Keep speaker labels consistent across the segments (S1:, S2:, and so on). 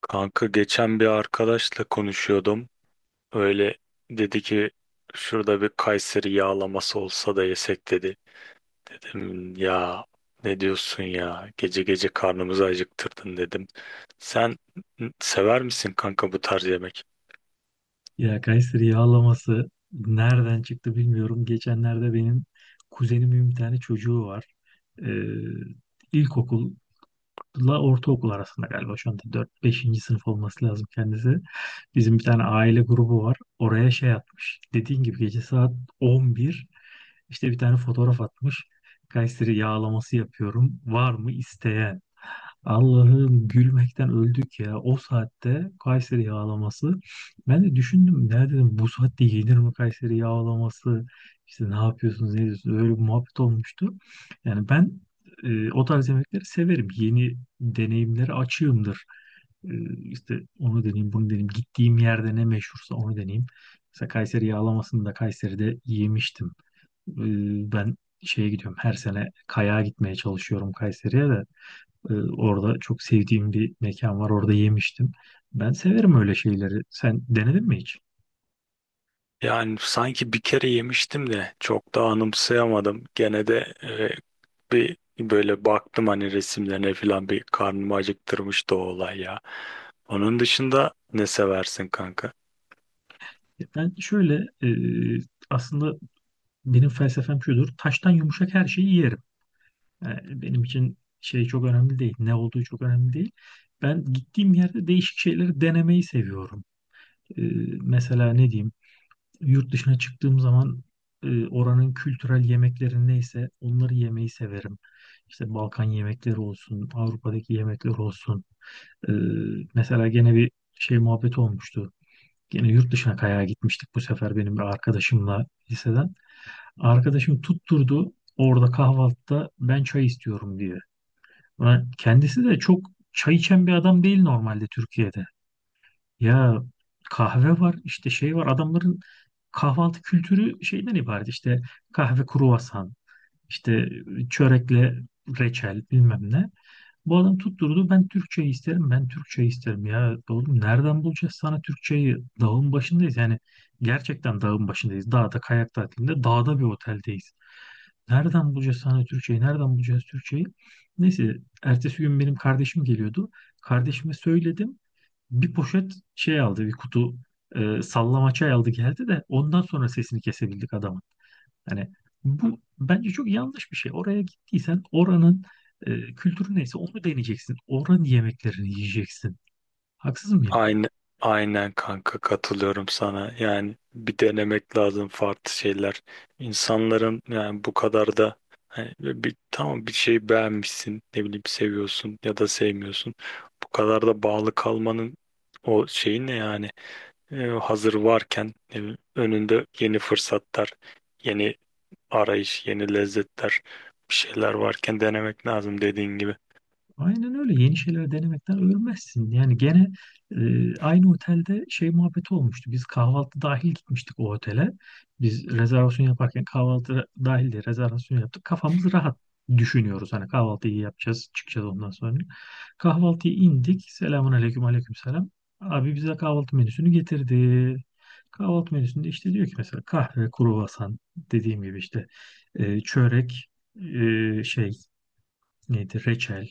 S1: Kanka geçen bir arkadaşla konuşuyordum. Öyle dedi ki şurada bir Kayseri yağlaması olsa da yesek dedi. Dedim ya ne diyorsun ya gece gece karnımızı acıktırdın dedim. Sen sever misin kanka bu tarz yemek?
S2: Ya Kayseri yağlaması nereden çıktı bilmiyorum. Geçenlerde benim kuzenimin bir tane çocuğu var. Ee, ilkokulla ortaokul arasında galiba şu anda 4-5. Sınıf olması lazım kendisi. Bizim bir tane aile grubu var. Oraya şey atmış. Dediğin gibi gece saat 11 işte bir tane fotoğraf atmış. Kayseri yağlaması yapıyorum. Var mı isteyen? Allah'ım gülmekten öldük ya. O saatte Kayseri yağlaması. Ben de düşündüm. Ne dedim bu saatte yenir mi Kayseri yağlaması? İşte ne yapıyorsunuz ne diyorsunuz? Öyle bir muhabbet olmuştu. Yani ben o tarz yemekleri severim. Yeni deneyimlere açığımdır. E, işte onu deneyeyim bunu deneyeyim. Gittiğim yerde ne meşhursa onu deneyeyim. Mesela Kayseri yağlamasını da Kayseri'de yemiştim. E, ben şeye gidiyorum her sene kayağa gitmeye çalışıyorum Kayseri'ye de. Orada çok sevdiğim bir mekan var. Orada yemiştim. Ben severim öyle şeyleri. Sen denedin mi hiç?
S1: Yani sanki bir kere yemiştim de çok da anımsayamadım. Gene de bir böyle baktım hani resimlerine falan bir karnımı acıktırmıştı o olay ya. Onun dışında ne seversin kanka?
S2: Ben şöyle aslında benim felsefem şudur. Taştan yumuşak her şeyi yerim. Yani benim için şey çok önemli değil. Ne olduğu çok önemli değil. Ben gittiğim yerde değişik şeyleri denemeyi seviyorum. Ee, mesela ne diyeyim? Yurt dışına çıktığım zaman oranın kültürel yemekleri neyse onları yemeyi severim. İşte Balkan yemekleri olsun, Avrupa'daki yemekler olsun. Ee, mesela gene bir şey muhabbeti olmuştu. Gene yurt dışına kayağa gitmiştik bu sefer benim bir arkadaşımla liseden. Arkadaşım tutturdu orada kahvaltıda ben çay istiyorum diye. Ulan kendisi de çok çay içen bir adam değil normalde Türkiye'de. Ya kahve var işte şey var adamların kahvaltı kültürü şeyden ibaret işte kahve kruvasan işte çörekle reçel bilmem ne. Bu adam tutturdu ben Türkçe isterim ben Türkçe isterim ya oğlum nereden bulacağız sana Türkçeyi dağın başındayız yani gerçekten dağın başındayız dağda kayak tatilinde dağda bir oteldeyiz nereden bulacağız sana Türkçeyi nereden bulacağız Türkçeyi neyse ertesi gün benim kardeşim geliyordu kardeşime söyledim bir poşet şey aldı bir kutu sallama çay aldı geldi de ondan sonra sesini kesebildik adamın. Hani bu bence çok yanlış bir şey. Oraya gittiysen oranın kültürü neyse onu deneyeceksin. Oranın yemeklerini yiyeceksin. Haksız mıyım?
S1: Aynı, aynen kanka katılıyorum sana. Yani bir denemek lazım farklı şeyler. İnsanların yani bu kadar da hani bir tamam bir şey beğenmişsin, ne bileyim seviyorsun ya da sevmiyorsun. Bu kadar da bağlı kalmanın o şeyi ne yani? Hazır varken ne bileyim, önünde yeni fırsatlar, yeni arayış, yeni lezzetler, bir şeyler varken denemek lazım dediğin gibi.
S2: Aynen öyle. Yeni şeyler denemekten ölmezsin. Yani gene aynı otelde şey muhabbeti olmuştu. Biz kahvaltı dahil gitmiştik o otele. Biz rezervasyon yaparken kahvaltı dahil de rezervasyon yaptık. Kafamız rahat düşünüyoruz. Hani kahvaltıyı yapacağız, çıkacağız ondan sonra. Kahvaltıya indik. Selamun aleyküm, aleyküm selam. Abi bize kahvaltı menüsünü getirdi. Kahvaltı menüsünde işte diyor ki mesela kahve, kruvasan dediğim gibi işte çörek, şey neydi reçel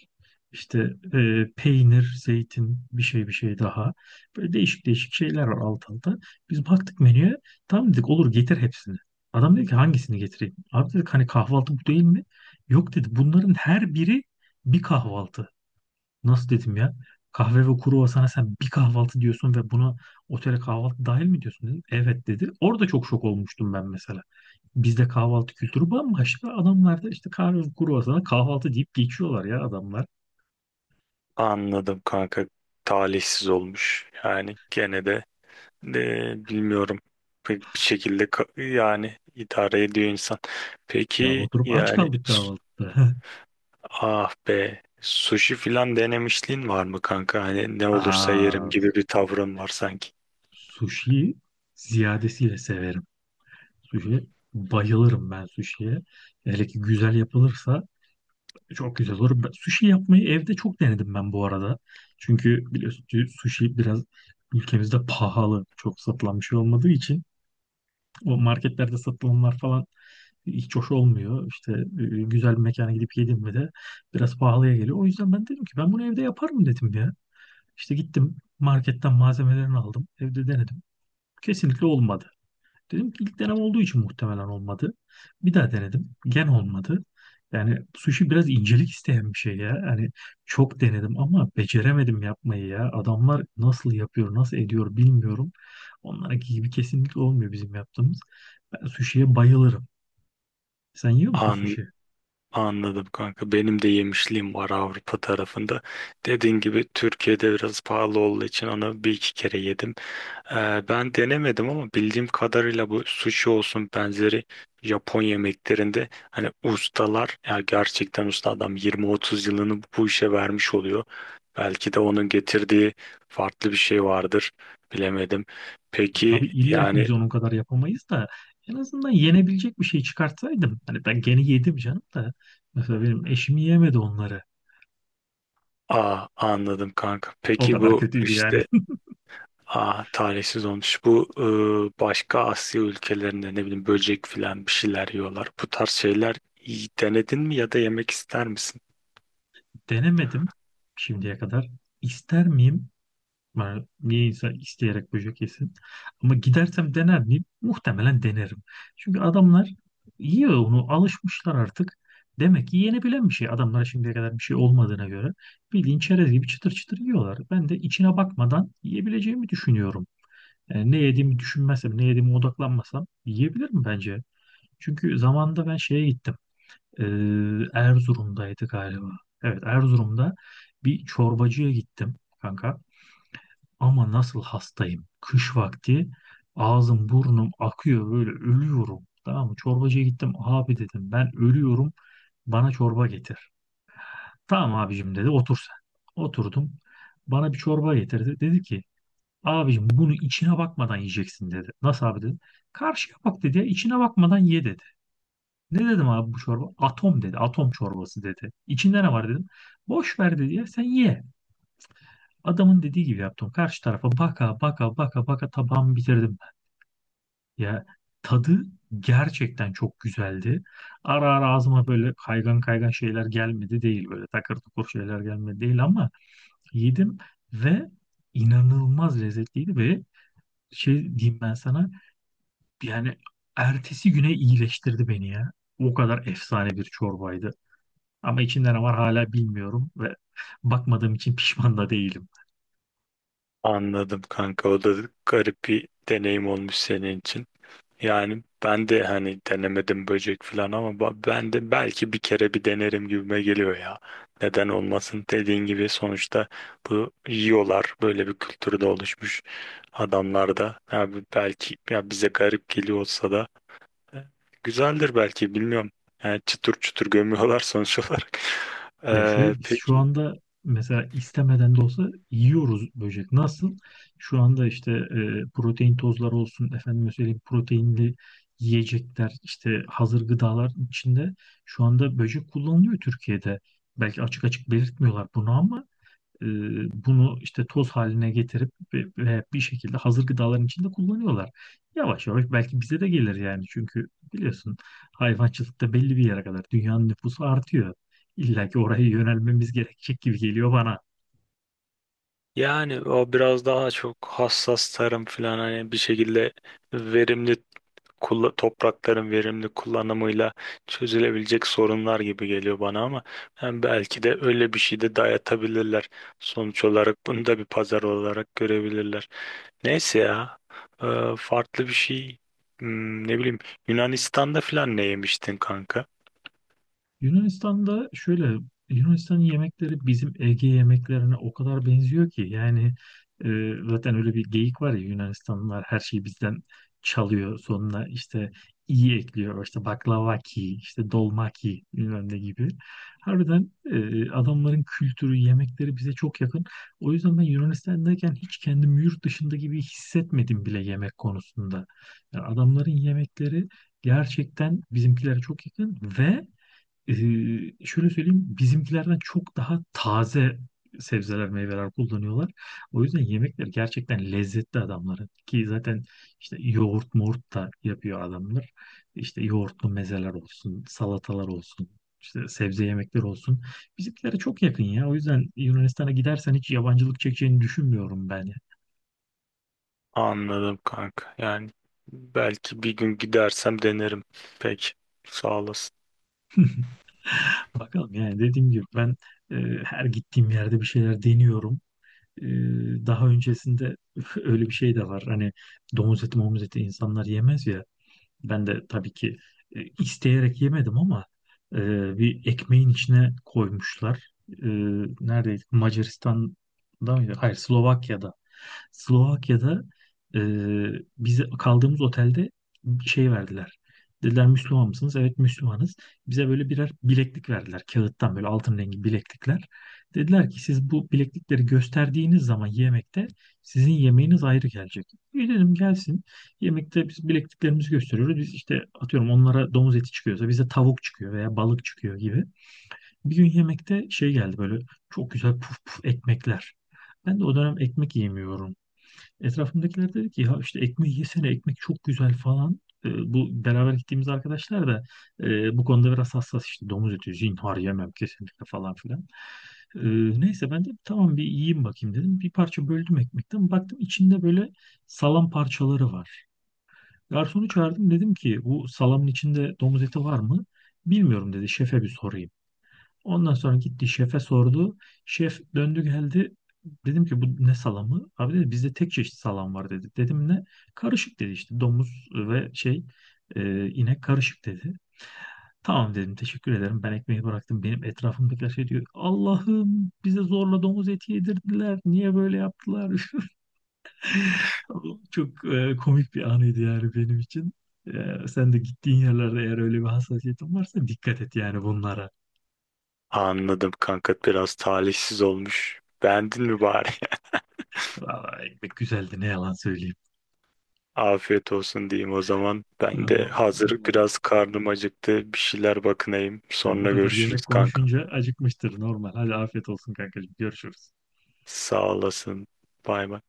S2: işte peynir zeytin bir şey bir şey daha böyle değişik değişik şeyler var alt alta biz baktık menüye tamam dedik olur getir hepsini adam dedi ki hangisini getireyim abi dedik hani kahvaltı bu değil mi yok dedi bunların her biri bir kahvaltı. Nasıl dedim ya? Kahve ve kruvasana sen bir kahvaltı diyorsun ve buna otele kahvaltı dahil mi diyorsun dedim. Evet dedi. Orada çok şok olmuştum ben mesela. Bizde kahvaltı kültürü bambaşka. Adamlarda işte kahve ve kruvasana kahvaltı deyip geçiyorlar ya adamlar.
S1: Anladım kanka. Talihsiz olmuş. Yani gene de. Bilmiyorum. Pek bir şekilde yani idare ediyor insan.
S2: Ya
S1: Peki
S2: oturup aç
S1: yani
S2: kaldık kahvaltıda.
S1: ah be sushi filan denemişliğin var mı kanka? Hani ne olursa yerim
S2: Aa,
S1: gibi bir tavrın var sanki.
S2: sushi ziyadesiyle severim. Sushi bayılırım ben sushi'ye. Hele ki güzel yapılırsa çok güzel olur. Ben- sushi yapmayı evde çok denedim ben bu arada. Çünkü biliyorsun ki sushi biraz ülkemizde pahalı. Çok satılan bir şey olmadığı için o marketlerde satılanlar falan hiç hoş olmuyor. İşte güzel bir mekana gidip yedim mi de biraz pahalıya geliyor. O yüzden ben dedim ki ben bunu evde yaparım dedim ya. İşte gittim marketten malzemelerini aldım. Evde denedim. Kesinlikle olmadı. Dedim ki ilk denem olduğu için muhtemelen olmadı. Bir daha denedim. Olmadı. Yani sushi biraz incelik isteyen bir şey ya. Hani çok denedim ama beceremedim yapmayı ya. Adamlar nasıl yapıyor, nasıl ediyor bilmiyorum. Onlarınki gibi kesinlikle olmuyor bizim yaptığımız. Ben sushi'ye bayılırım. Sen yiyor musun sushi?
S1: Anladım kanka. Benim de yemişliğim var Avrupa tarafında. Dediğin gibi Türkiye'de biraz pahalı olduğu için onu bir iki kere yedim. Ben denemedim ama bildiğim kadarıyla bu sushi olsun benzeri Japon yemeklerinde hani ustalar ya gerçekten usta adam 20-30 yılını bu işe vermiş oluyor. Belki de onun getirdiği farklı bir şey vardır. Bilemedim.
S2: Ya tabii
S1: Peki
S2: illa ki
S1: yani.
S2: biz onun kadar yapamayız da en azından yenebilecek bir şey çıkartsaydım. Hani ben gene yedim canım da. Mesela benim eşim yemedi onları.
S1: Aa, anladım kanka.
S2: O
S1: Peki
S2: kadar
S1: bu
S2: kötüydü yani.
S1: işte. Aa, talihsiz olmuş. Bu başka Asya ülkelerinde ne bileyim böcek filan bir şeyler yiyorlar. Bu tarz şeyler iyi denedin mi ya da yemek ister misin?
S2: Denemedim şimdiye kadar. İster miyim? Yani niye insan isteyerek böcek yesin? Ama gidersem dener miyim? Muhtemelen denerim. Çünkü adamlar yiyor onu alışmışlar artık. Demek ki yenebilen bir şey. Adamlara şimdiye kadar bir şey olmadığına göre bildiğin çerez gibi çıtır çıtır yiyorlar. Ben de içine bakmadan yiyebileceğimi düşünüyorum. Ne yediğimi düşünmezsem, ne yediğime odaklanmasam yiyebilirim bence. Çünkü zamanında ben şeye gittim. E, Erzurum'daydı galiba. Evet, Erzurum'da bir çorbacıya gittim kanka. Ama nasıl hastayım. Kış vakti ağzım burnum akıyor böyle ölüyorum. Tamam mı? Çorbacıya gittim. Abi dedim ben ölüyorum. Bana çorba getir. Tamam abicim dedi, otur sen. Oturdum. Bana bir çorba getirdi. Dedi ki abicim bunu içine bakmadan yiyeceksin dedi. Nasıl abi dedim. Karşıya bak dedi. Ya, içine bakmadan ye dedi. Ne dedim abi bu çorba? Atom dedi. Atom çorbası dedi. İçinde ne var dedim. Boş ver dedi ya sen ye. Adamın dediği gibi yaptım. Karşı tarafa baka baka baka baka tabağımı bitirdim ben. Ya tadı gerçekten çok güzeldi. Ara ara ağzıma böyle kaygan kaygan şeyler gelmedi değil. Böyle takır tukur şeyler gelmedi değil ama yedim ve inanılmaz lezzetliydi ve şey diyeyim ben sana. Yani ertesi güne iyileştirdi beni ya. O kadar efsane bir çorbaydı. Ama içinde ne var hala bilmiyorum ve bakmadığım için pişman da değilim.
S1: Anladım kanka. O da garip bir deneyim olmuş senin için. Yani ben de hani denemedim böcek filan ama ben de belki bir kere bir denerim gibime geliyor ya. Neden olmasın? Dediğin gibi sonuçta bu yiyorlar. Böyle bir kültürde oluşmuş adamlar da. Abi belki ya bize garip geliyor olsa da. E, Güzeldir belki bilmiyorum. Yani çıtır çıtır gömüyorlar sonuç olarak.
S2: Ya
S1: Ee,
S2: şöyle biz şu
S1: peki
S2: anda mesela istemeden de olsa yiyoruz böcek. Nasıl? Şu anda işte protein tozları olsun, efendim söyleyeyim proteinli yiyecekler, işte hazır gıdalar içinde şu anda böcek kullanılıyor Türkiye'de. Belki açık açık belirtmiyorlar bunu ama E, bunu işte toz haline getirip ve bir şekilde hazır gıdaların içinde kullanıyorlar. Yavaş yavaş belki bize de gelir yani çünkü biliyorsun hayvancılıkta belli bir yere kadar dünyanın nüfusu artıyor. İlla ki oraya yönelmemiz gerekecek gibi geliyor bana.
S1: yani o biraz daha çok hassas tarım falan hani bir şekilde verimli toprakların verimli kullanımıyla çözülebilecek sorunlar gibi geliyor bana ama yani belki de öyle bir şey de dayatabilirler. Sonuç olarak bunu da bir pazar olarak görebilirler. Neyse ya. Farklı bir şey. Ne bileyim, Yunanistan'da falan ne yemiştin kanka?
S2: Yunanistan'da şöyle Yunanistan'ın yemekleri bizim Ege yemeklerine o kadar benziyor ki yani zaten öyle bir geyik var ya Yunanistanlılar her şeyi bizden çalıyor sonuna işte iyi ekliyor işte baklavaki işte dolmaki bilmem ne gibi. Harbiden adamların kültürü yemekleri bize çok yakın. O yüzden ben Yunanistan'dayken hiç kendimi yurt dışında gibi hissetmedim bile yemek konusunda. Yani adamların yemekleri gerçekten bizimkilere çok yakın ve ee, şöyle söyleyeyim, bizimkilerden çok daha taze sebzeler, meyveler kullanıyorlar. O yüzden yemekleri gerçekten lezzetli adamların. Ki zaten işte yoğurt moğurt da yapıyor adamlar. İşte yoğurtlu mezeler olsun, salatalar olsun, işte sebze yemekleri olsun. Bizimkilere çok yakın ya. O yüzden Yunanistan'a gidersen hiç yabancılık çekeceğini düşünmüyorum ben.
S1: Anladım kanka. Yani belki bir gün gidersem denerim. Peki. Sağ olasın.
S2: Bakalım yani dediğim gibi ben e, her gittiğim yerde bir şeyler deniyorum. Ee, daha öncesinde öyle bir şey de var. Hani domuz eti, momuz eti insanlar yemez ya. Ben de tabii ki isteyerek yemedim ama e, bir ekmeğin içine koymuşlar. E, neredeydi? Macaristan'da mıydı? Hayır, Slovakya'da. Slovakya'da e, bize kaldığımız otelde şey verdiler. Dediler Müslüman mısınız? Evet Müslümanız. Bize böyle birer bileklik verdiler. Kağıttan böyle altın rengi bileklikler. Dediler ki siz bu bileklikleri gösterdiğiniz zaman yemekte sizin yemeğiniz ayrı gelecek. İyi dedim gelsin. Yemekte biz bilekliklerimizi gösteriyoruz. Biz işte atıyorum onlara domuz eti çıkıyorsa bize tavuk çıkıyor veya balık çıkıyor gibi. Bir gün yemekte şey geldi böyle çok güzel puf puf ekmekler. Ben de o dönem ekmek yemiyorum. Etrafımdakiler dedi ki ya işte ekmeği yesene ekmek çok güzel falan. Bu beraber gittiğimiz arkadaşlar da bu konuda biraz hassas işte domuz eti zinhar yemem kesinlikle falan filan. Ee, neyse ben de tamam bir yiyeyim bakayım dedim. Bir parça böldüm ekmekten baktım içinde böyle salam parçaları var. Garsonu çağırdım dedim ki bu salamın içinde domuz eti var mı? Bilmiyorum dedi şefe bir sorayım. Ondan sonra gitti şefe sordu. Şef döndü geldi. Dedim ki bu ne salamı? Abi dedi bizde tek çeşit salam var dedi. Dedim ne? Karışık dedi işte domuz ve şey inek karışık dedi. Tamam dedim teşekkür ederim ben ekmeği bıraktım. Benim etrafımdakiler şey diyor. Allah'ım bize zorla domuz eti yedirdiler. Niye böyle yaptılar? Çok komik bir anıydı yani benim için. Sen de gittiğin yerlerde eğer öyle bir hassasiyetin varsa dikkat et yani bunlara.
S1: Anladım kanka. Biraz talihsiz olmuş. Beğendin mi bari?
S2: Valla ekmek güzeldi ne yalan söyleyeyim.
S1: Afiyet olsun diyeyim o zaman. Ben de
S2: Tamam.
S1: hazır
S2: Eyvallah.
S1: biraz karnım acıktı. Bir şeyler bakınayım.
S2: Ya bu
S1: Sonra
S2: kadar yemek
S1: görüşürüz kanka.
S2: konuşunca acıkmıştır normal. Hadi afiyet olsun kankacığım. Görüşürüz.
S1: Sağ olasın. Bay bay.